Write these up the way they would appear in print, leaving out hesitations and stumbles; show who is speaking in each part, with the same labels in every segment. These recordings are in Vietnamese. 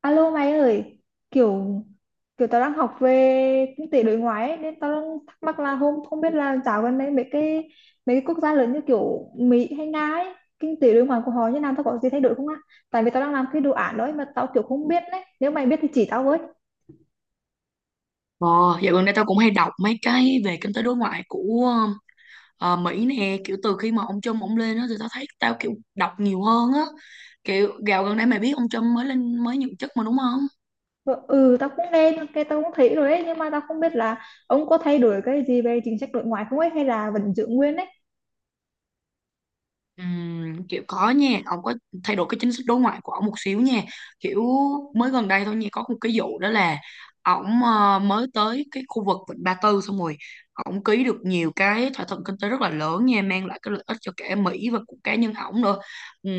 Speaker 1: Alo mày ơi, kiểu kiểu tao đang học về kinh tế đối ngoại ấy, nên tao đang thắc mắc là không không biết là dạo gần đây mấy cái quốc gia lớn như kiểu Mỹ hay Nga ấy, kinh tế đối ngoại của họ như nào tao có gì thay đổi không á? Tại vì tao đang làm cái đồ án đấy mà tao kiểu không biết đấy. Nếu mày biết thì chỉ tao với.
Speaker 2: Ờ, Dạo gần đây tao cũng hay đọc mấy cái về kinh tế đối ngoại của Mỹ nè, kiểu từ khi mà ông Trump ông lên á thì tao thấy tao kiểu đọc nhiều hơn á. Kiểu gạo gần đây mày biết ông Trump mới lên mới nhậm chức mà đúng không?
Speaker 1: Ờ, ừ, tao cũng nghe, cái tao cũng thấy rồi ấy, nhưng mà tao không biết là ông có thay đổi cái gì về chính sách đối ngoại không ấy hay là vẫn giữ nguyên ấy.
Speaker 2: Kiểu có nha, ông có thay đổi cái chính sách đối ngoại của ông một xíu nha. Kiểu mới gần đây thôi nha, có một cái vụ đó là ổng mới tới cái khu vực Vịnh Ba Tư, xong rồi ổng ký được nhiều cái thỏa thuận kinh tế rất là lớn nha, mang lại cái lợi ích cho cả Mỹ và của cá nhân ổng nữa. Ừm,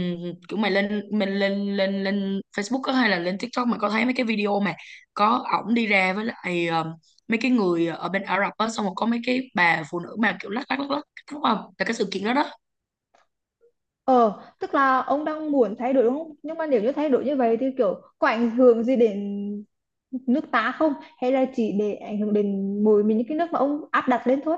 Speaker 2: Kiểu mày lên, mình lên lên lên Facebook á hay là lên TikTok, mày có thấy mấy cái video mà có ổng đi ra với lại mấy cái người ở bên Ả Rập á, xong rồi có mấy cái bà phụ nữ mà kiểu lắc lắc lắc lắc, đúng không, là cái sự kiện đó đó.
Speaker 1: Ờ, tức là ông đang muốn thay đổi đúng không? Nhưng mà nếu như thay đổi như vậy thì kiểu có ảnh hưởng gì đến nước ta không? Hay là chỉ để ảnh hưởng đến mỗi mình những cái nước mà ông áp đặt lên thôi?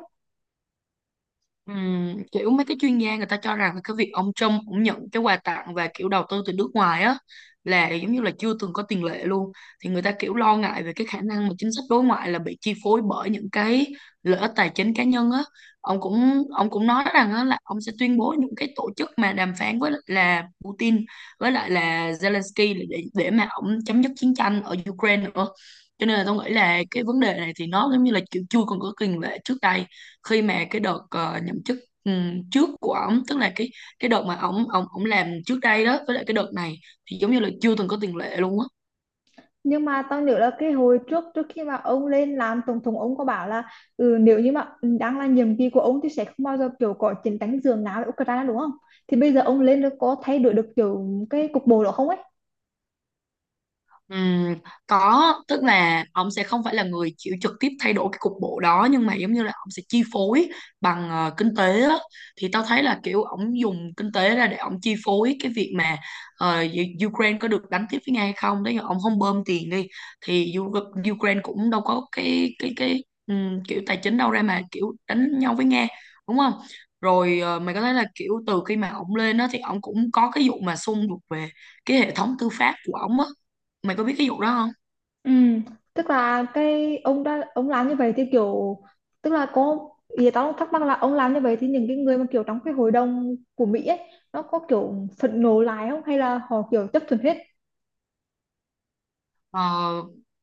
Speaker 2: Kiểu mấy cái chuyên gia người ta cho rằng là cái việc ông Trump cũng nhận cái quà tặng và kiểu đầu tư từ nước ngoài á là giống như là chưa từng có tiền lệ luôn. Thì người ta kiểu lo ngại về cái khả năng mà chính sách đối ngoại là bị chi phối bởi những cái lợi ích tài chính cá nhân á. Ông cũng nói rằng á, là ông sẽ tuyên bố những cái tổ chức mà đàm phán với lại là Putin với lại là Zelensky để mà ông chấm dứt chiến tranh ở Ukraine nữa. Cho nên là tôi nghĩ là cái vấn đề này thì nó giống như là kiểu chưa còn có tiền lệ trước đây, khi mà cái đợt nhậm chức trước của ổng, tức là cái đợt mà ổng ổng ổng làm trước đây đó với lại cái đợt này thì giống như là chưa từng có tiền lệ luôn á.
Speaker 1: Nhưng mà tao nhớ là cái hồi trước trước khi mà ông lên làm tổng thống ông có bảo là nếu như mà đang là nhiệm kỳ của ông thì sẽ không bao giờ kiểu có chiến tranh giường nào với Ukraine đúng không? Thì bây giờ ông lên được có thay đổi được kiểu cái cục bộ đó không ấy?
Speaker 2: Ừm, có, tức là ông sẽ không phải là người chịu trực tiếp thay đổi cái cục bộ đó, nhưng mà giống như là ông sẽ chi phối bằng kinh tế á. Thì tao thấy là kiểu ông dùng kinh tế ra để ông chi phối cái việc mà Ukraine có được đánh tiếp với Nga hay không. Đấy, ông không bơm tiền đi thì Ukraine cũng đâu có cái kiểu tài chính đâu ra mà kiểu đánh nhau với Nga, đúng không? Rồi mày có thấy là kiểu từ khi mà ông lên đó thì ông cũng có cái vụ mà xung đột về cái hệ thống tư pháp của ông á, mày có biết cái vụ đó không?
Speaker 1: Ừ, tức là cái ông làm như vậy thì kiểu tức là có ý tao thắc mắc là ông làm như vậy thì những cái người mà kiểu trong cái hội đồng của Mỹ ấy nó có kiểu phẫn nộ lại không hay là họ kiểu chấp thuận hết.
Speaker 2: ờ,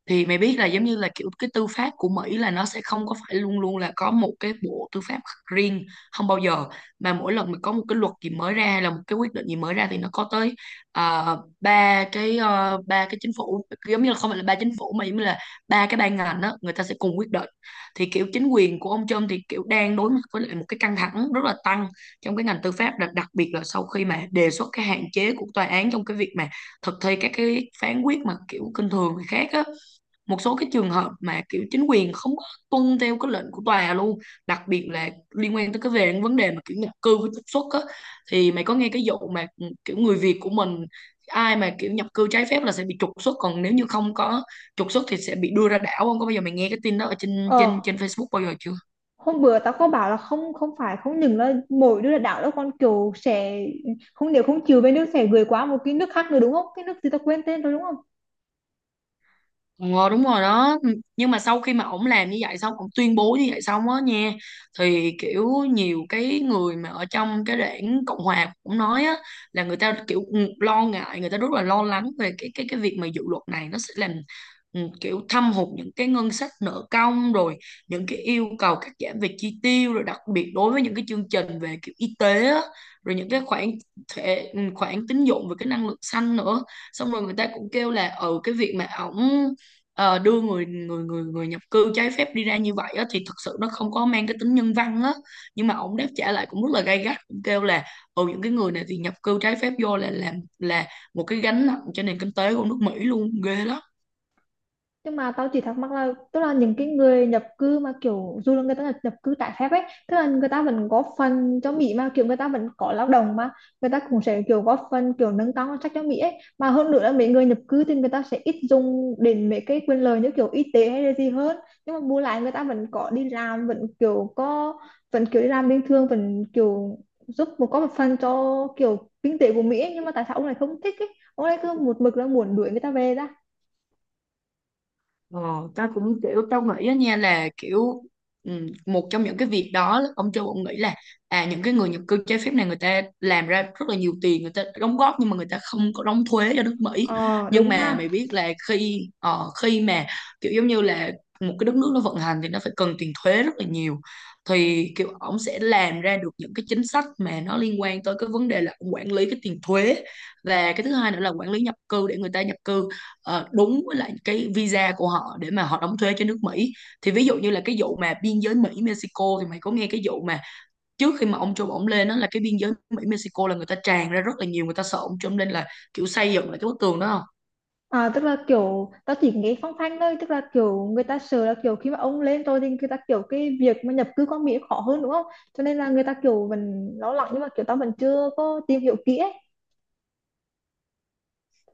Speaker 2: thì mày biết là giống như là kiểu cái tư pháp của Mỹ là nó sẽ không có phải luôn luôn là có một cái bộ tư pháp riêng, không bao giờ, mà mỗi lần mà có một cái luật gì mới ra hay là một cái quyết định gì mới ra thì nó có tới ba cái ba cái chính phủ, giống như là không phải là ba chính phủ mà giống như là ba cái ban ngành đó, người ta sẽ cùng quyết định. Thì kiểu chính quyền của ông Trump thì kiểu đang đối mặt với lại một cái căng thẳng rất là tăng trong cái ngành tư pháp, đặc biệt là sau khi mà đề xuất cái hạn chế của tòa án trong cái việc mà thực thi các cái phán quyết mà kiểu kinh thường người khác á. Một số cái trường hợp mà kiểu chính quyền không có tuân theo cái lệnh của tòa luôn, đặc biệt là liên quan tới cái về vấn đề mà kiểu nhập cư với trục xuất á. Thì mày có nghe cái vụ mà ừ, kiểu người Việt của mình, ai mà kiểu nhập cư trái phép là sẽ bị trục xuất, còn nếu như không có trục xuất thì sẽ bị đưa ra đảo không có, bao giờ mày nghe cái tin đó ở trên
Speaker 1: Ờ,
Speaker 2: trên trên Facebook bao giờ chưa?
Speaker 1: hôm bữa tao có bảo là không không phải không những là mỗi đứa là đảo đâu, còn kiểu sẽ không, nếu không chịu bên nước sẽ gửi qua một cái nước khác nữa đúng không, cái nước gì tao quên tên rồi đúng không.
Speaker 2: Ờ đúng rồi đó. Ừ, nhưng mà sau khi mà ổng làm như vậy xong, ổng tuyên bố như vậy xong á nha, thì kiểu nhiều cái người mà ở trong cái đảng Cộng Hòa cũng nói á, là người ta kiểu ừ, lo ngại, người ta rất là lo lắng về cái việc mà dự luật này nó sẽ làm ừ, kiểu thâm hụt những cái ngân sách nợ công, rồi những cái yêu cầu cắt giảm về chi tiêu, rồi đặc biệt đối với những cái chương trình về kiểu y tế á, rồi những cái khoản khoản tín dụng về cái năng lượng xanh nữa. Xong rồi người ta cũng kêu là ừ, cái việc mà ổng đưa người người người người nhập cư trái phép đi ra như vậy á, thì thật sự nó không có mang cái tính nhân văn á. Nhưng mà ông đáp trả lại cũng rất là gay gắt, cũng kêu là ừ, những cái người này thì nhập cư trái phép vô là làm là một cái gánh nặng cho nền kinh tế của nước Mỹ luôn, ghê lắm.
Speaker 1: Nhưng mà tao chỉ thắc mắc là tức là những cái người nhập cư mà kiểu dù là người ta nhập cư trái phép ấy, tức là người ta vẫn góp phần cho Mỹ mà, kiểu người ta vẫn có lao động mà, người ta cũng sẽ kiểu góp phần kiểu nâng cao ngân sách cho Mỹ ấy, mà hơn nữa là mấy người nhập cư thì người ta sẽ ít dùng đến mấy cái quyền lợi như kiểu y tế hay là gì hơn, nhưng mà bù lại người ta vẫn có đi làm, vẫn kiểu đi làm bình thường, vẫn kiểu giúp một có một phần cho kiểu kinh tế của Mỹ ấy. Nhưng mà tại sao ông lại không thích ấy, ông lại cứ một mực là muốn đuổi người ta về ra.
Speaker 2: Ờ, tao cũng kiểu tao nghĩ á nha, là kiểu một trong những cái việc đó, ông Châu ông nghĩ là à, những cái người nhập cư trái phép này người ta làm ra rất là nhiều tiền, người ta đóng góp nhưng mà người ta không có đóng thuế cho nước Mỹ.
Speaker 1: Ờ
Speaker 2: Nhưng
Speaker 1: đúng
Speaker 2: mà
Speaker 1: ha.
Speaker 2: mày biết là khi mà kiểu giống như là một cái đất nước nó vận hành thì nó phải cần tiền thuế rất là nhiều. Thì kiểu ông sẽ làm ra được những cái chính sách mà nó liên quan tới cái vấn đề là ổng quản lý cái tiền thuế, và cái thứ hai nữa là quản lý nhập cư để người ta nhập cư đúng với lại cái visa của họ để mà họ đóng thuế cho nước Mỹ. Thì ví dụ như là cái vụ mà biên giới Mỹ Mexico, thì mày có nghe cái vụ mà trước khi mà ông Trump ổng lên đó là cái biên giới Mỹ Mexico là người ta tràn ra rất là nhiều, người ta sợ ông Trump lên là kiểu xây dựng lại cái bức tường đó không?
Speaker 1: À, tức là kiểu tao chỉ nghe phong phanh thôi, tức là kiểu người ta sợ là kiểu khi mà ông lên rồi thì người ta kiểu cái việc mà nhập cư qua Mỹ khó hơn đúng không, cho nên là người ta kiểu vẫn lo lắng nhưng mà kiểu tao vẫn chưa có tìm hiểu kỹ ấy.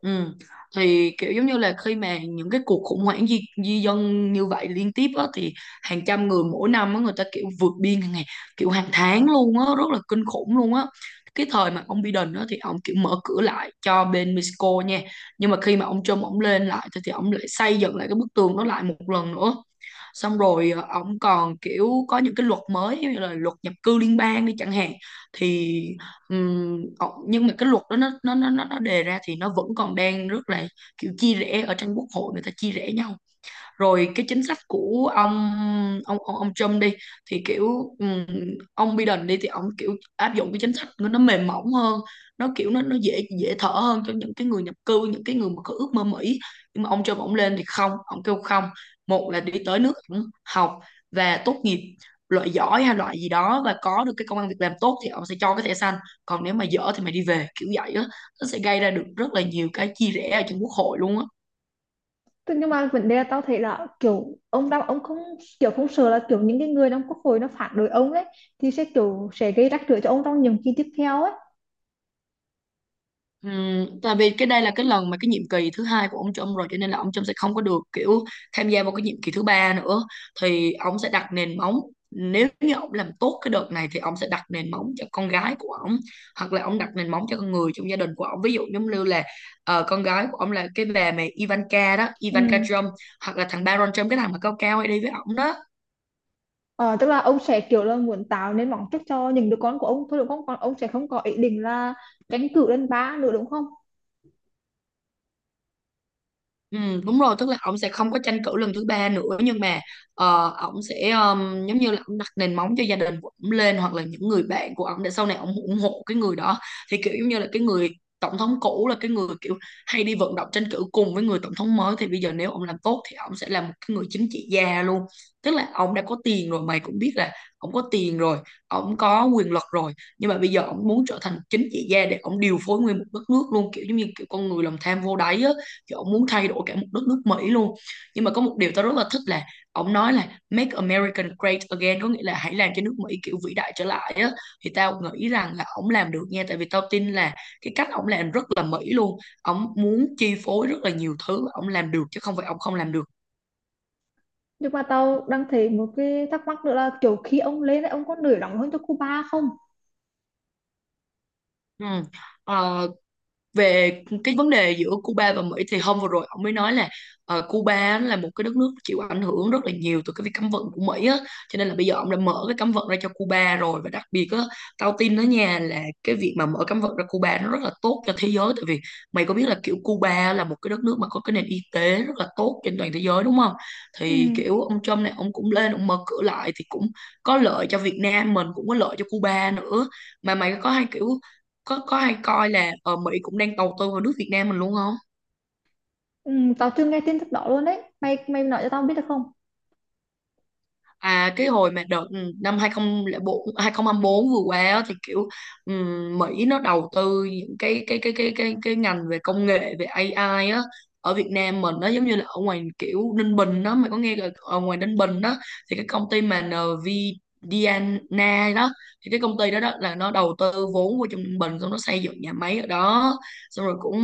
Speaker 2: Ừ. Thì kiểu giống như là khi mà những cái cuộc khủng hoảng di dân như vậy liên tiếp á, thì hàng trăm người mỗi năm á, người ta kiểu vượt biên hàng ngày, kiểu hàng tháng luôn á, rất là kinh khủng luôn á. Cái thời mà ông Biden á, thì ông kiểu mở cửa lại cho bên Mexico nha, nhưng mà khi mà ông Trump ông lên lại thì ông lại xây dựng lại cái bức tường đó lại một lần nữa. Xong rồi ờ, ông còn kiểu có những cái luật mới như là luật nhập cư liên bang đi chẳng hạn. Thì nhưng mà cái luật đó nó đề ra thì nó vẫn còn đang rất là kiểu chia rẽ ở trong quốc hội, người ta chia rẽ nhau. Rồi cái chính sách của ông Trump đi thì kiểu ông Biden đi thì ông kiểu áp dụng cái chính sách của nó mềm mỏng hơn, nó kiểu nó dễ, dễ thở hơn cho những cái người nhập cư, những cái người mà có ước mơ Mỹ. Nhưng mà ông Trump ông lên thì không, ông kêu không, một là đi tới nước ông, học và tốt nghiệp loại giỏi hay loại gì đó và có được cái công ăn việc làm tốt thì ông sẽ cho cái thẻ xanh, còn nếu mà dở thì mày đi về, kiểu vậy á. Nó sẽ gây ra được rất là nhiều cái chia rẽ ở trong quốc hội luôn á.
Speaker 1: Tức- nhưng mà vấn đề là tao thấy là kiểu ông đang ông không kiểu không sợ là kiểu những cái người trong quốc hội nó phản đối ông ấy, thì sẽ kiểu sẽ gây rắc rối cho ông trong nhiệm kỳ tiếp theo ấy.
Speaker 2: Tại vì cái đây là cái lần mà cái nhiệm kỳ thứ hai của ông Trump rồi, cho nên là ông Trump sẽ không có được kiểu tham gia vào cái nhiệm kỳ thứ ba nữa. Thì ông sẽ đặt nền móng, nếu như ông làm tốt cái đợt này thì ông sẽ đặt nền móng cho con gái của ông, hoặc là ông đặt nền móng cho con người trong gia đình của ông, ví dụ giống như là con gái của ông là cái bà mẹ Ivanka đó,
Speaker 1: Ừ.
Speaker 2: Ivanka Trump, hoặc là thằng Baron Trump, cái thằng mà cao cao hay đi với ông đó.
Speaker 1: Ờ, tức là ông sẽ kiểu là muốn tạo nên mong trước cho những đứa con của ông thôi đúng không, còn ông sẽ không có ý định là tranh cử lên ba nữa đúng không.
Speaker 2: Ừ, đúng rồi, tức là ổng sẽ không có tranh cử lần thứ ba nữa, nhưng mà ổng sẽ giống như là Ổng đặt nền móng cho gia đình của ổng lên hoặc là những người bạn của ổng để sau này ổng ủng hộ cái người đó, thì kiểu giống như là cái người tổng thống cũ là cái người kiểu hay đi vận động tranh cử cùng với người tổng thống mới. Thì bây giờ nếu ổng làm tốt thì ổng sẽ là một cái người chính trị gia luôn, tức là ổng đã có tiền rồi, mày cũng biết là ổng có tiền rồi, ổng có quyền lực rồi, nhưng mà bây giờ ổng muốn trở thành chính trị gia để ổng điều phối nguyên một đất nước luôn, kiểu giống như kiểu con người lòng tham vô đáy á, kiểu ông muốn thay đổi cả một đất nước Mỹ luôn. Nhưng mà có một điều tao rất là thích là ông nói là make America great again, có nghĩa là hãy làm cho nước Mỹ kiểu vĩ đại trở lại á. Thì tao nghĩ rằng là ông làm được nha, tại vì tao tin là cái cách ông làm rất là Mỹ luôn, ông muốn chi phối rất là nhiều thứ, ông làm được chứ không phải ông không làm được.
Speaker 1: Nhưng mà tao đang thấy một cái thắc mắc nữa là kiểu khi ông lên ấy, ông có nổi nóng hơn cho Cuba không?
Speaker 2: Ừ. Ờ, về cái vấn đề giữa Cuba và Mỹ thì hôm vừa rồi ông mới nói là Cuba á là một cái đất nước chịu ảnh hưởng rất là nhiều từ cái việc cấm vận của Mỹ á, cho nên là bây giờ ông đã mở cái cấm vận ra cho Cuba rồi. Và đặc biệt á, tao tin đó nha, là cái việc mà mở cấm vận ra Cuba nó rất là tốt cho thế giới, tại vì mày có biết là kiểu Cuba là một cái đất nước mà có cái nền y tế rất là tốt trên toàn thế giới đúng không.
Speaker 1: Ừ.
Speaker 2: Thì kiểu ông Trump này ông cũng lên ông mở cửa lại thì cũng có lợi cho Việt Nam mình, cũng có lợi cho Cuba nữa. Mà mày có hay kiểu có hay coi là ở Mỹ cũng đang đầu tư vào nước Việt Nam mình luôn không?
Speaker 1: Ừ, tao chưa nghe tin tức đó luôn đấy. Mày mày nói cho tao biết được không?
Speaker 2: À cái hồi mà đợt năm 2004 2024 vừa qua á, thì kiểu Mỹ nó đầu tư những cái ngành về công nghệ, về AI á, ở Việt Nam mình, nó giống như là ở ngoài kiểu Ninh Bình đó, mày có nghe là ở ngoài Ninh Bình đó thì cái công ty mà nvidia đó, thì cái công ty đó, đó là nó đầu tư vốn vô trong Ninh Bình xong nó xây dựng nhà máy ở đó. Xong rồi cũng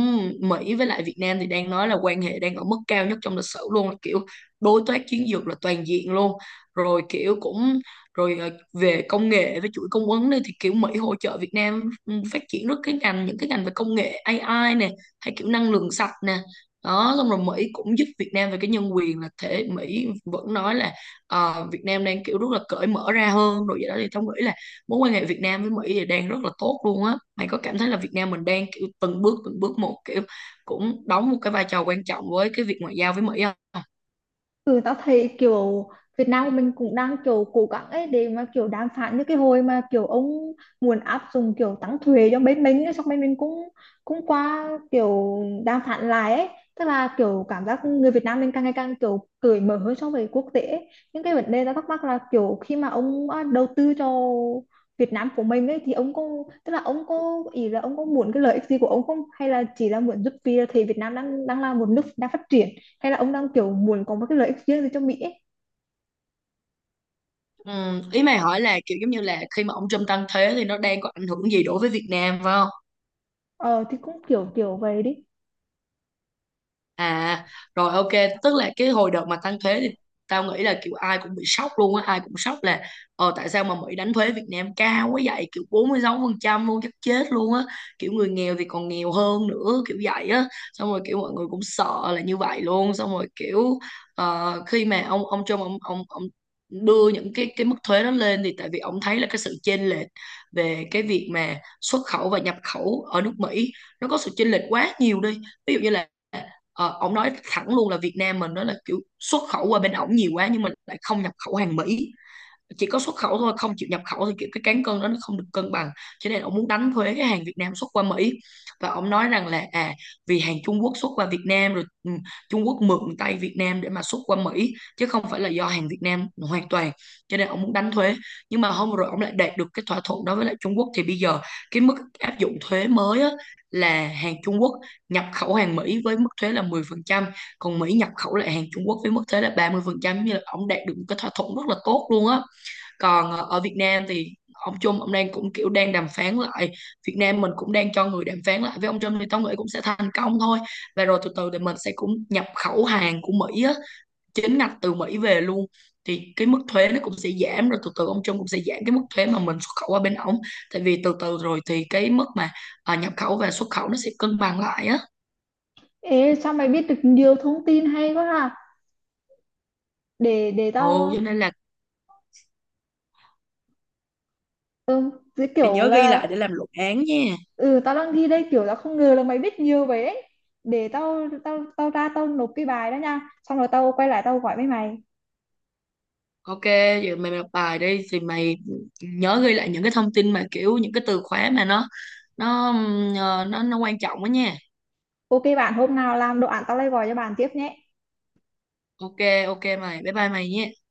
Speaker 2: Mỹ với lại Việt Nam thì đang nói là quan hệ đang ở mức cao nhất trong lịch sử luôn, là kiểu đối tác chiến lược là toàn diện luôn. Rồi kiểu cũng rồi về công nghệ với chuỗi cung ứng đi thì kiểu Mỹ hỗ trợ Việt Nam phát triển rất cái ngành, những cái ngành về công nghệ AI nè, hay kiểu năng lượng sạch nè. Đó, xong rồi Mỹ cũng giúp Việt Nam về cái nhân quyền, là thể Mỹ vẫn nói là Việt Nam đang kiểu rất là cởi mở ra hơn rồi vậy đó. Thì tao nghĩ là mối quan hệ Việt Nam với Mỹ thì đang rất là tốt luôn á. Mày có cảm thấy là Việt Nam mình đang kiểu từng bước một, kiểu cũng đóng một cái vai trò quan trọng với cái việc ngoại giao với Mỹ không?
Speaker 1: Ừ, tao thấy kiểu Việt Nam mình cũng đang kiểu cố gắng ấy để mà kiểu đàm phán, như cái hồi mà kiểu ông muốn áp dụng kiểu tăng thuế cho bên mình ấy, xong bên mình cũng cũng qua kiểu đàm phán lại ấy, tức là kiểu cảm giác người Việt Nam mình càng ngày càng kiểu cởi mở hơn so với quốc tế ấy. Những cái vấn đề tao thắc mắc là kiểu khi mà đầu tư cho Việt Nam của mình ấy thì ông có tức là ông có ý là ông có muốn cái lợi ích gì của ông không, hay là chỉ là muốn giúp vì là thấy Việt Nam đang đang là một nước đang phát triển, hay là ông đang kiểu muốn có một cái lợi ích riêng gì cho Mỹ ấy.
Speaker 2: Ừ, ý mày hỏi là kiểu giống như là khi mà ông Trump tăng thế thì nó đang có ảnh hưởng gì đối với Việt Nam phải không?
Speaker 1: Ờ thì cũng kiểu kiểu vậy đi.
Speaker 2: À rồi, ok, tức là cái hồi đợt mà tăng thuế thì tao nghĩ là kiểu ai cũng bị sốc luôn á, ai cũng sốc là ờ tại sao mà Mỹ đánh thuế Việt Nam cao quá vậy, kiểu 46% luôn, chắc chết luôn á, kiểu người nghèo thì còn nghèo hơn nữa kiểu vậy á. Xong rồi kiểu mọi người cũng sợ là như vậy luôn. Xong rồi kiểu khi mà ông Trump ông đưa những cái mức thuế đó lên thì tại vì ông thấy là cái sự chênh lệch về cái việc mà xuất khẩu và nhập khẩu ở nước Mỹ nó có sự chênh lệch quá nhiều đi. Ví dụ như là ờ, ổng nói thẳng luôn là Việt Nam mình nó là kiểu xuất khẩu qua bên ổng nhiều quá nhưng mình lại không nhập khẩu hàng Mỹ, chỉ có xuất khẩu thôi không chịu nhập khẩu, thì kiểu cái cán cân đó nó không được cân bằng, cho nên ông muốn đánh thuế cái hàng Việt Nam xuất qua Mỹ. Và ông nói rằng là à, vì hàng Trung Quốc xuất qua Việt Nam rồi Trung Quốc mượn tay Việt Nam để mà xuất qua Mỹ chứ không phải là do hàng Việt Nam hoàn toàn, cho nên ông muốn đánh thuế. Nhưng mà hôm rồi ông lại đạt được cái thỏa thuận đó với lại Trung Quốc, thì bây giờ cái mức áp dụng thuế mới á, là hàng Trung Quốc nhập khẩu hàng Mỹ với mức thuế là 10%, còn Mỹ nhập khẩu lại hàng Trung Quốc với mức thuế là 30%, như là ông đạt được một cái thỏa thuận rất là tốt luôn á. Còn ờ, ở Việt Nam thì ông Trump ông đang cũng kiểu đang đàm phán lại, Việt Nam mình cũng đang cho người đàm phán lại với ông Trump, thì tao nghĩ cũng sẽ thành công thôi. Và rồi từ từ thì mình sẽ cũng nhập khẩu hàng của Mỹ á, chính ngạch từ Mỹ về luôn, thì cái mức thuế nó cũng sẽ giảm. Rồi từ từ ông Trump cũng sẽ giảm cái mức thuế mà mình xuất khẩu qua bên ổng, tại vì từ từ rồi thì cái mức mà nhập khẩu và xuất khẩu nó sẽ cân bằng lại á.
Speaker 1: Ê sao mày biết được nhiều thông tin hay quá ha. Để
Speaker 2: Ồ, cho
Speaker 1: tao
Speaker 2: nên là
Speaker 1: ừ, cái
Speaker 2: mày
Speaker 1: kiểu
Speaker 2: nhớ ghi
Speaker 1: là
Speaker 2: lại để làm luận án nha.
Speaker 1: ừ tao đang thi đây, kiểu tao không ngờ là mày biết nhiều vậy ấy. Để tao tao tao ra tao nộp cái bài đó nha. Xong rồi tao quay lại tao gọi với mày.
Speaker 2: Ok, giờ mày đọc bài đi thì mày nhớ ghi lại những cái thông tin mà kiểu những cái từ khóa mà nó ờ, nó quan trọng đó nha.
Speaker 1: Ok bạn, hôm nào làm đồ án tao lại gọi cho bạn tiếp nhé.
Speaker 2: Ok, ok mày. Bye bye mày nha.